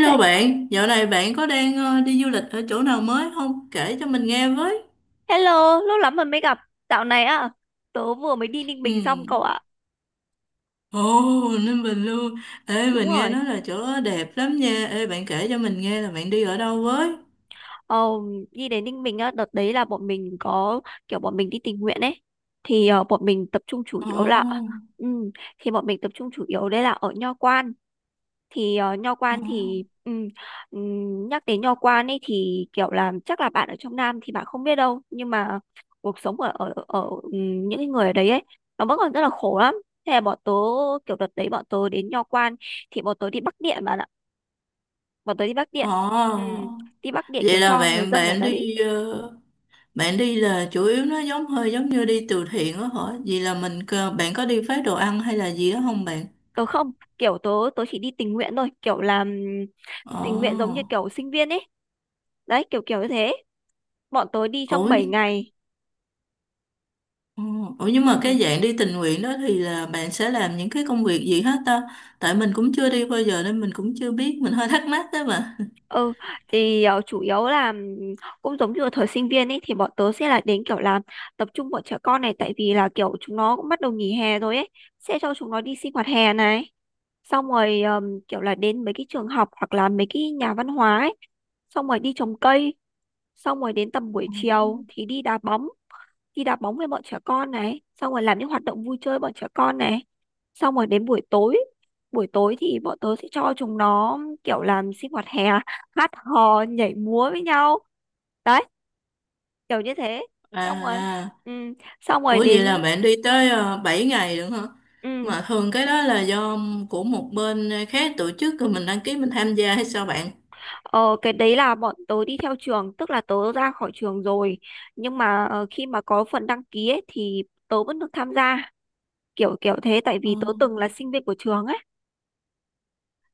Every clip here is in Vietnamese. He- bạn, dạo này bạn có đang đi du lịch ở chỗ nào mới không? Kể cho mình nghe với. Hello, lâu lắm rồi mới gặp. Dạo này á, tớ vừa mới đi Ninh Ừ. Bình xong cậu ạ. Ồ, Ninh Bình luôn. Ê, Đúng mình nghe rồi. nói là chỗ đó đẹp lắm nha. Ê, bạn kể cho mình nghe là bạn đi ở đâu với? Ồ, đi đến Ninh Bình á, đợt đấy là bọn mình có bọn mình đi tình nguyện ấy. Thì bọn mình tập trung chủ yếu là Ồ, ừ, thì bọn mình tập trung chủ yếu đây là ở Nho Quan. Thì nho ồ, quan thì nhắc đến nho quan ấy thì kiểu là chắc là bạn ở trong Nam thì bạn không biết đâu, nhưng mà cuộc sống ở ở ở những cái người ở đấy ấy nó vẫn còn rất là khổ lắm. Thế là bọn tớ, kiểu đợt đấy bọn tớ đến nho quan thì bọn tớ đi Bắc Điện bạn ạ. Bọn tớ ồ. Ừm, đi Bắc Điện kiểu Vậy là cho người bạn dân ở bạn đấy. đi bạn đi là chủ yếu nó giống hơi giống như đi từ thiện đó hả? Vậy là mình bạn có đi phát đồ ăn hay là gì đó không bạn? Tớ không kiểu tớ Tớ chỉ đi tình nguyện thôi, kiểu làm Ồ, tình nguyện giống như kiểu sinh viên ấy. Đấy, kiểu kiểu như thế. Bọn tớ đi trong ủa, 7 ngày. Ồ. Ủa nhưng mà Ừ. cái dạng đi tình nguyện đó thì là bạn sẽ làm những cái công việc gì hết ta? Tại mình cũng chưa đi bao giờ nên mình cũng chưa biết, mình hơi thắc mắc đó mà. Ừ, thì chủ yếu là cũng giống như ở thời sinh viên ấy thì bọn tớ sẽ là đến kiểu là tập trung bọn trẻ con này, tại vì là kiểu chúng nó cũng bắt đầu nghỉ hè rồi ấy, sẽ cho chúng nó đi sinh hoạt hè này, xong rồi kiểu là đến mấy cái trường học hoặc là mấy cái nhà văn hóa ấy, xong rồi đi trồng cây, xong rồi đến tầm buổi Ừ. chiều thì đi đá bóng, đi đá bóng với bọn trẻ con này, xong rồi làm những hoạt động vui chơi bọn trẻ con này, xong rồi đến buổi tối. Buổi tối thì bọn tớ sẽ cho chúng nó kiểu làm sinh hoạt hè, hát hò nhảy múa với nhau. Đấy, kiểu như thế. Xong rồi, À, ừ, xong ủa rồi vậy là đến bạn đi tới 7 ngày được hả? ừ, Mà thường cái đó là do của một bên khác tổ chức rồi mình đăng ký mình tham gia hay sao bạn? ờ, cái đấy là bọn tớ đi theo trường, tức là tớ ra khỏi trường rồi, nhưng mà khi mà có phần đăng ký ấy, thì tớ vẫn được tham gia, kiểu kiểu thế, tại vì tớ từng là sinh viên của trường ấy.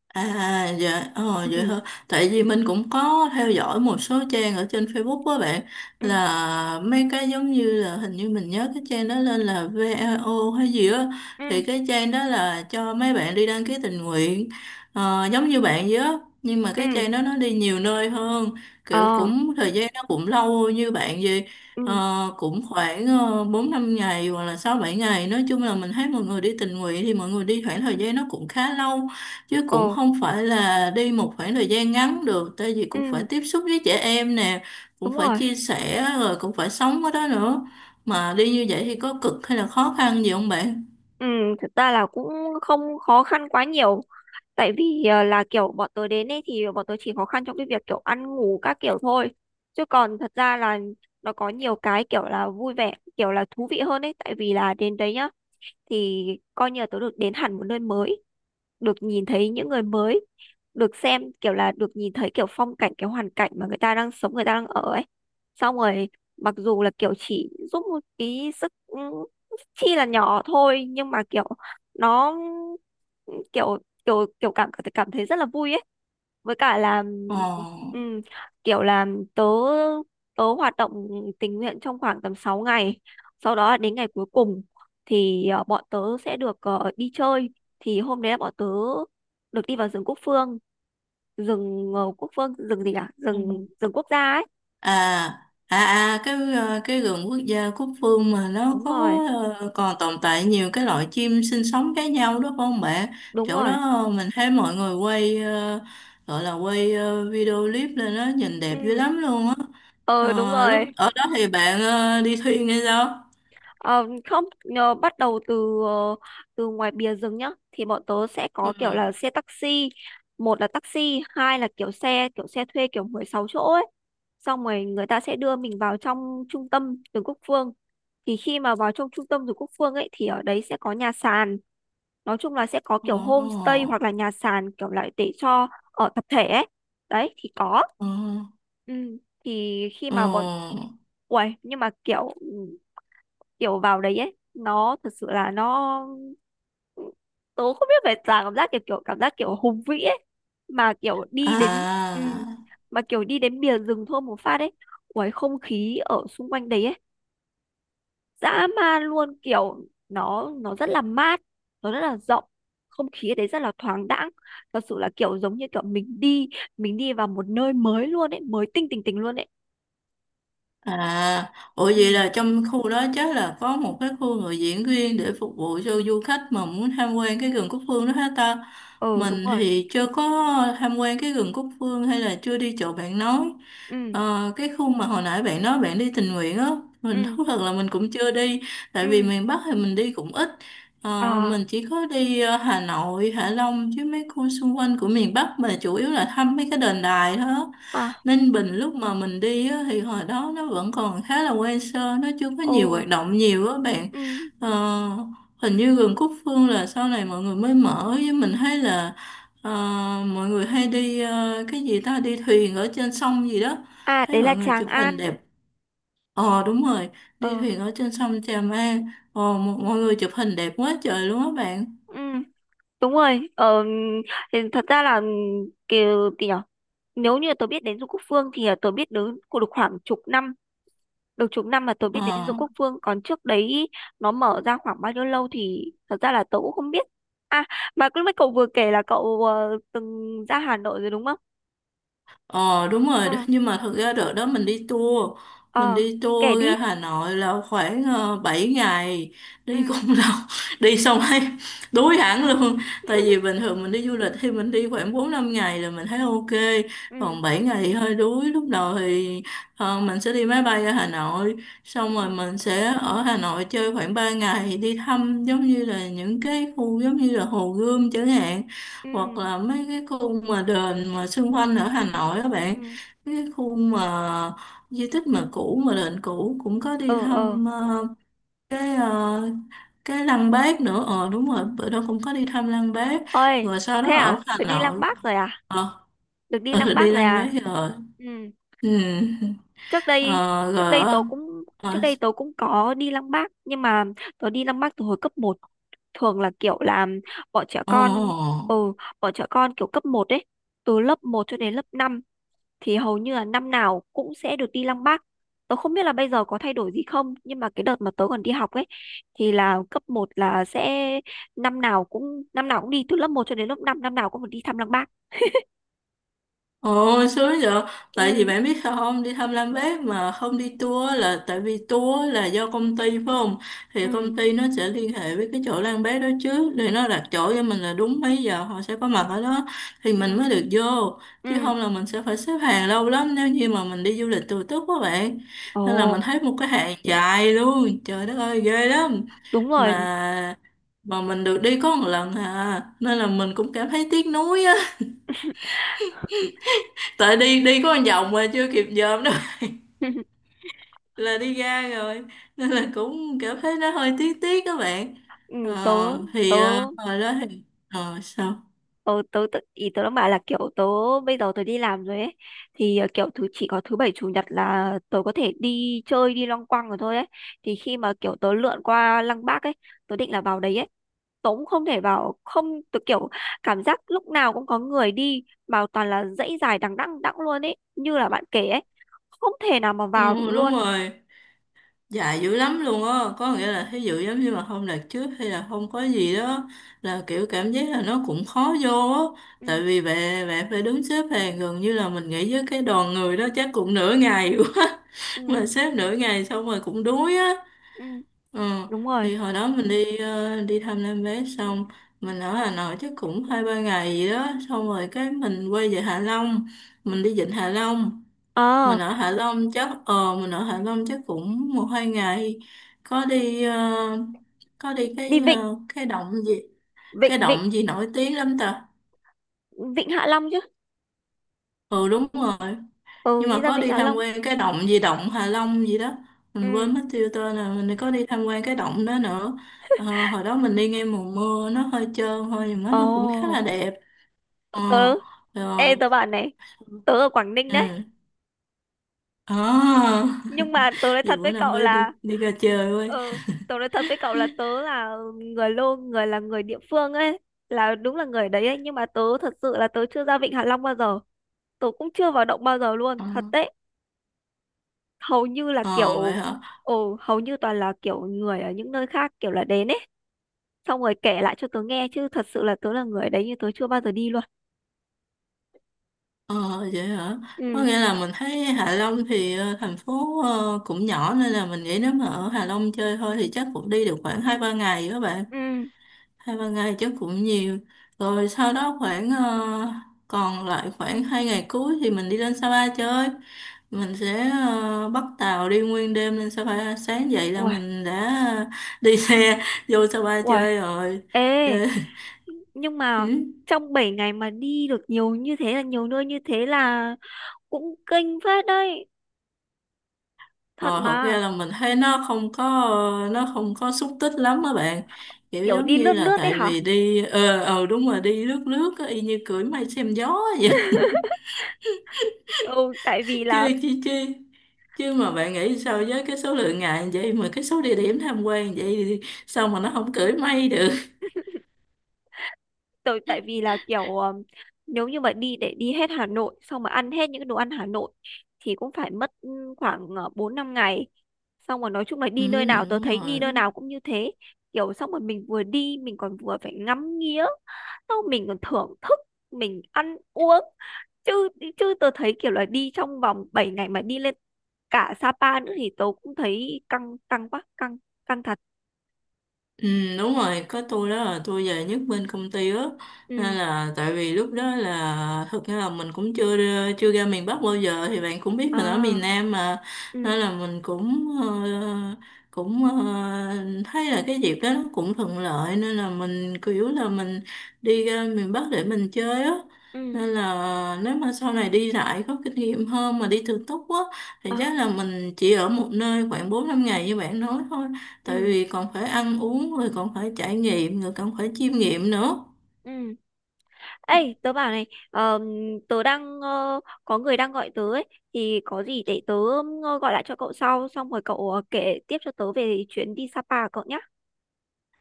À dạ ờ, vậy Ừ. thôi, tại vì mình cũng có theo dõi một số trang ở trên Facebook đó bạn, Ừ. là mấy cái giống như là, hình như mình nhớ cái trang đó lên là VAO hay gì á, Ừ. thì cái trang đó là cho mấy bạn đi đăng ký tình nguyện, giống như bạn vậy á, nhưng mà cái Ừ. trang đó nó đi nhiều nơi hơn, kiểu Ờ. cũng thời gian nó cũng lâu như bạn vậy. Ờ, Ừ. cũng khoảng bốn năm ngày hoặc là sáu bảy ngày, nói chung là mình thấy mọi người đi tình nguyện thì mọi người đi khoảng thời gian nó cũng khá lâu, chứ Ồ, cũng không phải là đi một khoảng thời gian ngắn được, tại vì cũng phải ừ, tiếp xúc với trẻ em nè, cũng đúng phải rồi. chia sẻ rồi cũng phải sống ở đó nữa. Mà đi như vậy thì có cực hay là khó khăn gì không bạn? Ừ, thực ra là cũng không khó khăn quá nhiều. Tại vì là kiểu bọn tớ đến ấy thì bọn tớ chỉ khó khăn trong cái việc kiểu ăn ngủ các kiểu thôi. Chứ còn thật ra là nó có nhiều cái kiểu là vui vẻ, kiểu là thú vị hơn ấy. Tại vì là đến đấy nhá, thì coi như là tớ được đến hẳn một nơi mới, được nhìn thấy những người mới, được xem kiểu là được nhìn thấy kiểu phong cảnh, cái hoàn cảnh mà người ta đang sống, người ta đang ở ấy. Xong rồi mặc dù là kiểu chỉ giúp một cái sức, chi là nhỏ thôi, nhưng mà kiểu nó kiểu kiểu kiểu cảm cảm thấy rất là vui ấy. Với cả là ừm, kiểu là tớ tớ hoạt động tình nguyện trong khoảng tầm 6 ngày. Sau đó đến ngày cuối cùng thì bọn tớ sẽ được đi chơi. Thì hôm đấy là bọn tớ được đi vào rừng Quốc Phương, rừng Quốc Phương, rừng gì, cả Ồ. rừng rừng quốc gia ấy. À, à, à cái cái vườn quốc gia Cúc Phương mà nó Đúng có rồi. Còn tồn tại nhiều cái loại chim sinh sống khác nhau đó phải không bạn? Đúng Chỗ rồi. đó mình thấy mọi người quay, gọi là quay video clip lên đó nhìn đẹp dữ Ừ. lắm luôn á. Ờ, đúng Ờ, lúc rồi. ở đó thì bạn đi thuyền hay sao? Ờ, không nhờ bắt đầu từ từ ngoài bìa rừng nhá, thì bọn tớ sẽ Ừ. có kiểu là xe taxi, một là taxi, hai là kiểu xe, kiểu xe thuê kiểu 16 chỗ ấy. Xong rồi người ta sẽ đưa mình vào trong trung tâm Vườn Quốc Phương. Thì khi mà vào trong trung tâm Vườn Quốc Phương ấy thì ở đấy sẽ có nhà sàn, nói chung là sẽ có kiểu Ồ, homestay hoặc là nhà sàn kiểu lại để cho ở tập thể ấy. Đấy thì có ồ, ừ. Thì khi ồ. mà bọn, uầy, nhưng mà kiểu, kiểu vào đấy ấy nó thật sự là nó, tớ không biết phải là cảm giác kiểu, cảm giác kiểu hùng vĩ ấy. Mà kiểu đi đến, ừ, À, mà kiểu đi đến bìa rừng thôi một phát ấy, ui không khí ở xung quanh đấy ấy dã man luôn, kiểu nó rất là mát, nó rất là rộng, không khí ở đấy rất là thoáng đãng. Thật sự là kiểu giống như kiểu mình đi vào một nơi mới luôn ấy, mới tinh, tỉnh tỉnh luôn ấy. À, ủa vậy Ừ. là trong khu đó chắc là có một cái khu người diễn riêng để phục vụ cho du khách mà muốn tham quan cái rừng Cúc Phương đó hết ta. Ừ, đúng Mình rồi. thì chưa có tham quan cái rừng Cúc Phương, hay là chưa đi chỗ bạn nói. Ừ. Ờ, cái khu mà hồi nãy bạn nói bạn đi tình nguyện á, mình Ừ. thú thật là mình cũng chưa đi, tại vì Ừ. miền Bắc thì mình đi cũng ít. Ờ, À. mình chỉ có đi Hà Nội, Hạ Long, chứ mấy khu xung quanh của miền Bắc mà chủ yếu là thăm mấy cái đền đài thôi á. À. Ninh Bình lúc mà mình đi á, thì hồi đó nó vẫn còn khá là quen sơ, nó chưa có Ồ. nhiều hoạt động nhiều á bạn. Ừ. Ờ, hình như vườn Cúc Phương là sau này mọi người mới mở, với mình thấy là ờ, mọi người hay đi, cái gì ta, đi thuyền ở trên sông gì đó, À thấy đấy là mọi người Tràng chụp hình An. đẹp. Ờ đúng rồi, đi Ờ. thuyền ở trên sông Trà An, mọi mọi người chụp hình đẹp quá trời luôn á bạn. Ừ. Đúng rồi. Ờ, thì thật ra là ừ, kiểu gì nhở? Nếu như tôi biết đến Du Quốc Phương thì tôi biết đến của được khoảng chục năm. Được chục năm mà tôi biết Ờ. đến Du Quốc Phương. Còn trước đấy nó mở ra khoảng bao nhiêu lâu thì thật ra là tôi cũng không biết. À, mà lúc nãy cậu vừa kể là cậu từng ra Hà Nội rồi đúng không? Ờ đúng rồi, đó. Ừ. Nhưng mà thật ra đợt đó mình Ờ. đi Kể tour đi. ra Hà Nội là khoảng 7 ngày, đi cũng Ừ. lâu, đi xong thấy đuối hẳn luôn. Tại vì bình thường mình đi du lịch thì mình đi khoảng 4 5 ngày là mình thấy ok, Ừ. còn 7 ngày thì hơi đuối. Lúc đầu thì mình sẽ đi máy bay ra Hà Nội, Ừ. xong rồi mình sẽ ở Hà Nội chơi khoảng 3 ngày, đi thăm giống như là những cái khu giống như là Hồ Gươm chẳng hạn, hoặc Ừ. là mấy cái khu mà đền mà xung quanh ở Hà Nội các Ừ. bạn, mấy cái khu mà di tích mà cũ mà đền cũ, cũng có đi Ờ. Ờ. thăm cái cái Lăng Bác nữa. Ờ đúng rồi, bữa đó cũng có đi thăm Lăng Bác, Ôi. rồi sau Thế đó ở à? Hà Tôi đi Lăng Nội. Bác rồi à? Ờ. Được đi Ừ, Lăng Bác đi rồi Lăng Bác à. rồi. Ừ. Ừ. trước đây Ờ, trước đây rồi. tớ cũng Trước Ở. đây tớ cũng có đi Lăng Bác, nhưng mà tớ đi Lăng Bác từ hồi cấp một. Thường là kiểu là bọn trẻ Ờ, con, ờ. ừ bọn trẻ con kiểu cấp một ấy, từ lớp một cho đến lớp 5 thì hầu như là năm nào cũng sẽ được đi Lăng Bác. Tớ không biết là bây giờ có thay đổi gì không, nhưng mà cái đợt mà tớ còn đi học ấy thì là cấp một là sẽ năm nào cũng đi từ lớp một cho đến lớp 5, năm năm nào cũng phải đi thăm Lăng Bác. Ồ, sướng vậy. Tại vì Ừ. bạn biết sao không, đi thăm Lam Bác mà không đi tour là tại vì tour là do công ty phải không? Thì Ừ. công ty nó sẽ liên hệ với cái chỗ Lam Bác đó trước, để nó đặt chỗ cho mình là đúng mấy giờ họ sẽ có mặt ở đó, thì Ừ. mình mới được vô. Chứ Ừ. không là mình sẽ phải xếp hàng lâu lắm, nếu như mà mình đi du lịch tự túc quá bạn. Ồ. Nên là mình thấy một cái hàng dài luôn. Trời đất ơi, ghê lắm. Đúng rồi. Mà mà mình được đi có một lần à, nên là mình cũng cảm thấy tiếc nuối á, tại đi đi có một vòng mà chưa kịp dòm đâu, là đi ra rồi, nên là cũng cảm thấy nó hơi tiếc tiếc các bạn. Ừ, tớ tớ Hồi đó thì sao. tớ tớ tự ý tớ đang bảo là kiểu tớ, bây giờ tớ đi làm rồi ấy, thì kiểu thứ, chỉ có thứ bảy chủ nhật là tớ có thể đi chơi, đi loanh quanh rồi thôi ấy. Thì khi mà kiểu tớ lượn qua Lăng Bác ấy, tớ định là vào đấy ấy, tớ cũng không thể vào, không tớ kiểu cảm giác lúc nào cũng có người đi mà toàn là dãy dài đằng đẵng, luôn ấy, như là bạn kể ấy, không thể nào mà Ừ, vào được đúng luôn. rồi, dài dữ lắm luôn á, có nghĩa Ừ. là thí dụ giống như mà không đạt trước hay là không có gì đó là kiểu cảm giác là nó cũng khó vô á, Ừ. tại vì bạn bạn phải đứng xếp hàng gần như là mình nghĩ với cái đoàn người đó chắc cũng nửa ngày quá, mà Ừ, xếp nửa ngày xong rồi cũng đuối á. ừ. Ờ, Đúng rồi. thì hồi đó mình đi đi thăm Nam Bé xong, mình ở Hà Nội chắc cũng hai ba ngày gì đó, xong rồi cái mình quay về Hạ Long, mình đi vịnh Hạ Long, Ờ, mình ở Hạ Long chắc mình ở Hạ Long chắc cũng một hai ngày, có đi có đi đi cái vịnh, vịnh cái vịnh động gì nổi tiếng lắm ta. Vịnh Hạ Long chứ. Ừ đúng rồi, Ừ, nhưng đi mà ra có Vịnh đi Hạ tham Long. quan cái động gì, động Hạ Long gì đó, mình Ừ. quên mất tiêu tên rồi, mình có đi tham quan cái động đó nữa. Ờ, hồi đó mình đi ngay mùa mưa nó hơi trơn thôi, nhưng mà nó cũng khá Ồ. là đẹp. Ờ, tớ Ê rồi. tớ bảo này, tớ ở Quảng Ninh Ừ đấy, à. nhưng mà tớ nói Vậy thật với bữa nào cậu phải đi là, đi ra chơi với. ừ, tớ nói thật với cậu là tớ là người lô, là người địa phương ấy, là đúng là người đấy ấy, nhưng mà tớ thật sự là tớ chưa ra Vịnh Hạ Long bao giờ, tớ cũng chưa vào động bao giờ luôn, Ờ. thật đấy. Hầu như là Ờ, vậy kiểu, hả. ồ hầu như toàn là kiểu người ở những nơi khác kiểu là đến ấy, xong rồi kể lại cho tớ nghe, chứ thật sự là tớ là người đấy nhưng tớ chưa bao giờ đi luôn. Ờ, vậy hả, có Ừ. nghĩa là mình thấy Hạ Long thì thành phố cũng nhỏ, nên là mình nghĩ nếu mà ở Hạ Long chơi thôi thì chắc cũng đi được khoảng hai ba ngày các bạn, Ừ. hai ba ngày chắc cũng nhiều. Rồi sau đó khoảng còn lại khoảng hai ngày cuối thì mình đi lên Sapa chơi, mình sẽ bắt tàu đi nguyên đêm lên Sapa, sáng dậy là Uầy, mình đã đi xe vô Sapa uầy. chơi rồi, Ê, chơi. nhưng Ừ. mà trong 7 ngày mà đi được nhiều như thế là, nhiều nơi như thế là cũng kinh phết đấy. Thật Ờ, thật mà, ra là mình thấy nó không có, nó không có xúc tích lắm các bạn, kiểu kiểu giống đi như lướt là lướt đấy tại hả? vì đi, đúng rồi, đi lướt lướt á, y như cưỡi mây xem gió vậy. Ừ, tại vì chứ là, chứ chứ chứ mà bạn nghĩ sao với cái số lượng ngày như vậy mà cái số địa điểm tham quan vậy thì sao mà nó không cưỡi mây được. Tại vì là kiểu nếu như mà đi để đi hết Hà Nội xong mà ăn hết những cái đồ ăn Hà Nội thì cũng phải mất khoảng 4 5 ngày. Xong rồi nói chung là đi nơi Ừ, nào, tôi đúng thấy đi rồi. nơi nào cũng như thế. Kiểu xong rồi mình vừa đi mình còn vừa phải ngắm nghía, xong mình còn thưởng thức, mình ăn uống. Chứ chứ tôi thấy kiểu là đi trong vòng 7 ngày mà đi lên cả Sapa nữa thì tôi cũng thấy căng, căng quá, căng căng thật. Ừ, đúng rồi, có tôi đó là tôi về nhất bên công ty á, nên Ừ. là tại vì lúc đó là thực ra là mình cũng chưa ra miền Bắc bao giờ, thì bạn cũng biết mình ở miền À, Nam mà, nên ừ, là mình cũng cũng ờ, thấy là cái dịp đó nó cũng thuận lợi, nên là mình kiểu là mình đi ra miền Bắc để mình chơi á. ừ, Nên là nếu mà sau này đi lại có kinh nghiệm hơn mà đi thường túc á, thì à, chắc là mình chỉ ở một nơi khoảng bốn năm ngày như bạn nói thôi, tại ừ, vì còn phải ăn uống rồi còn phải trải nghiệm rồi còn phải chiêm nghiệm nữa. ừ. Ê, tớ bảo này, ờm, tớ đang có người đang gọi tớ ấy, thì có gì để tớ gọi lại cho cậu sau, xong rồi cậu kể tiếp cho tớ về chuyến đi Sapa của cậu nhé.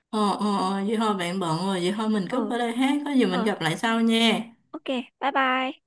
Ờ, vậy thôi bạn bận rồi, vậy thôi mình cúp Ờ, ở đây hát, có gì mình ờ, gặp lại sau nha. ok, bye bye.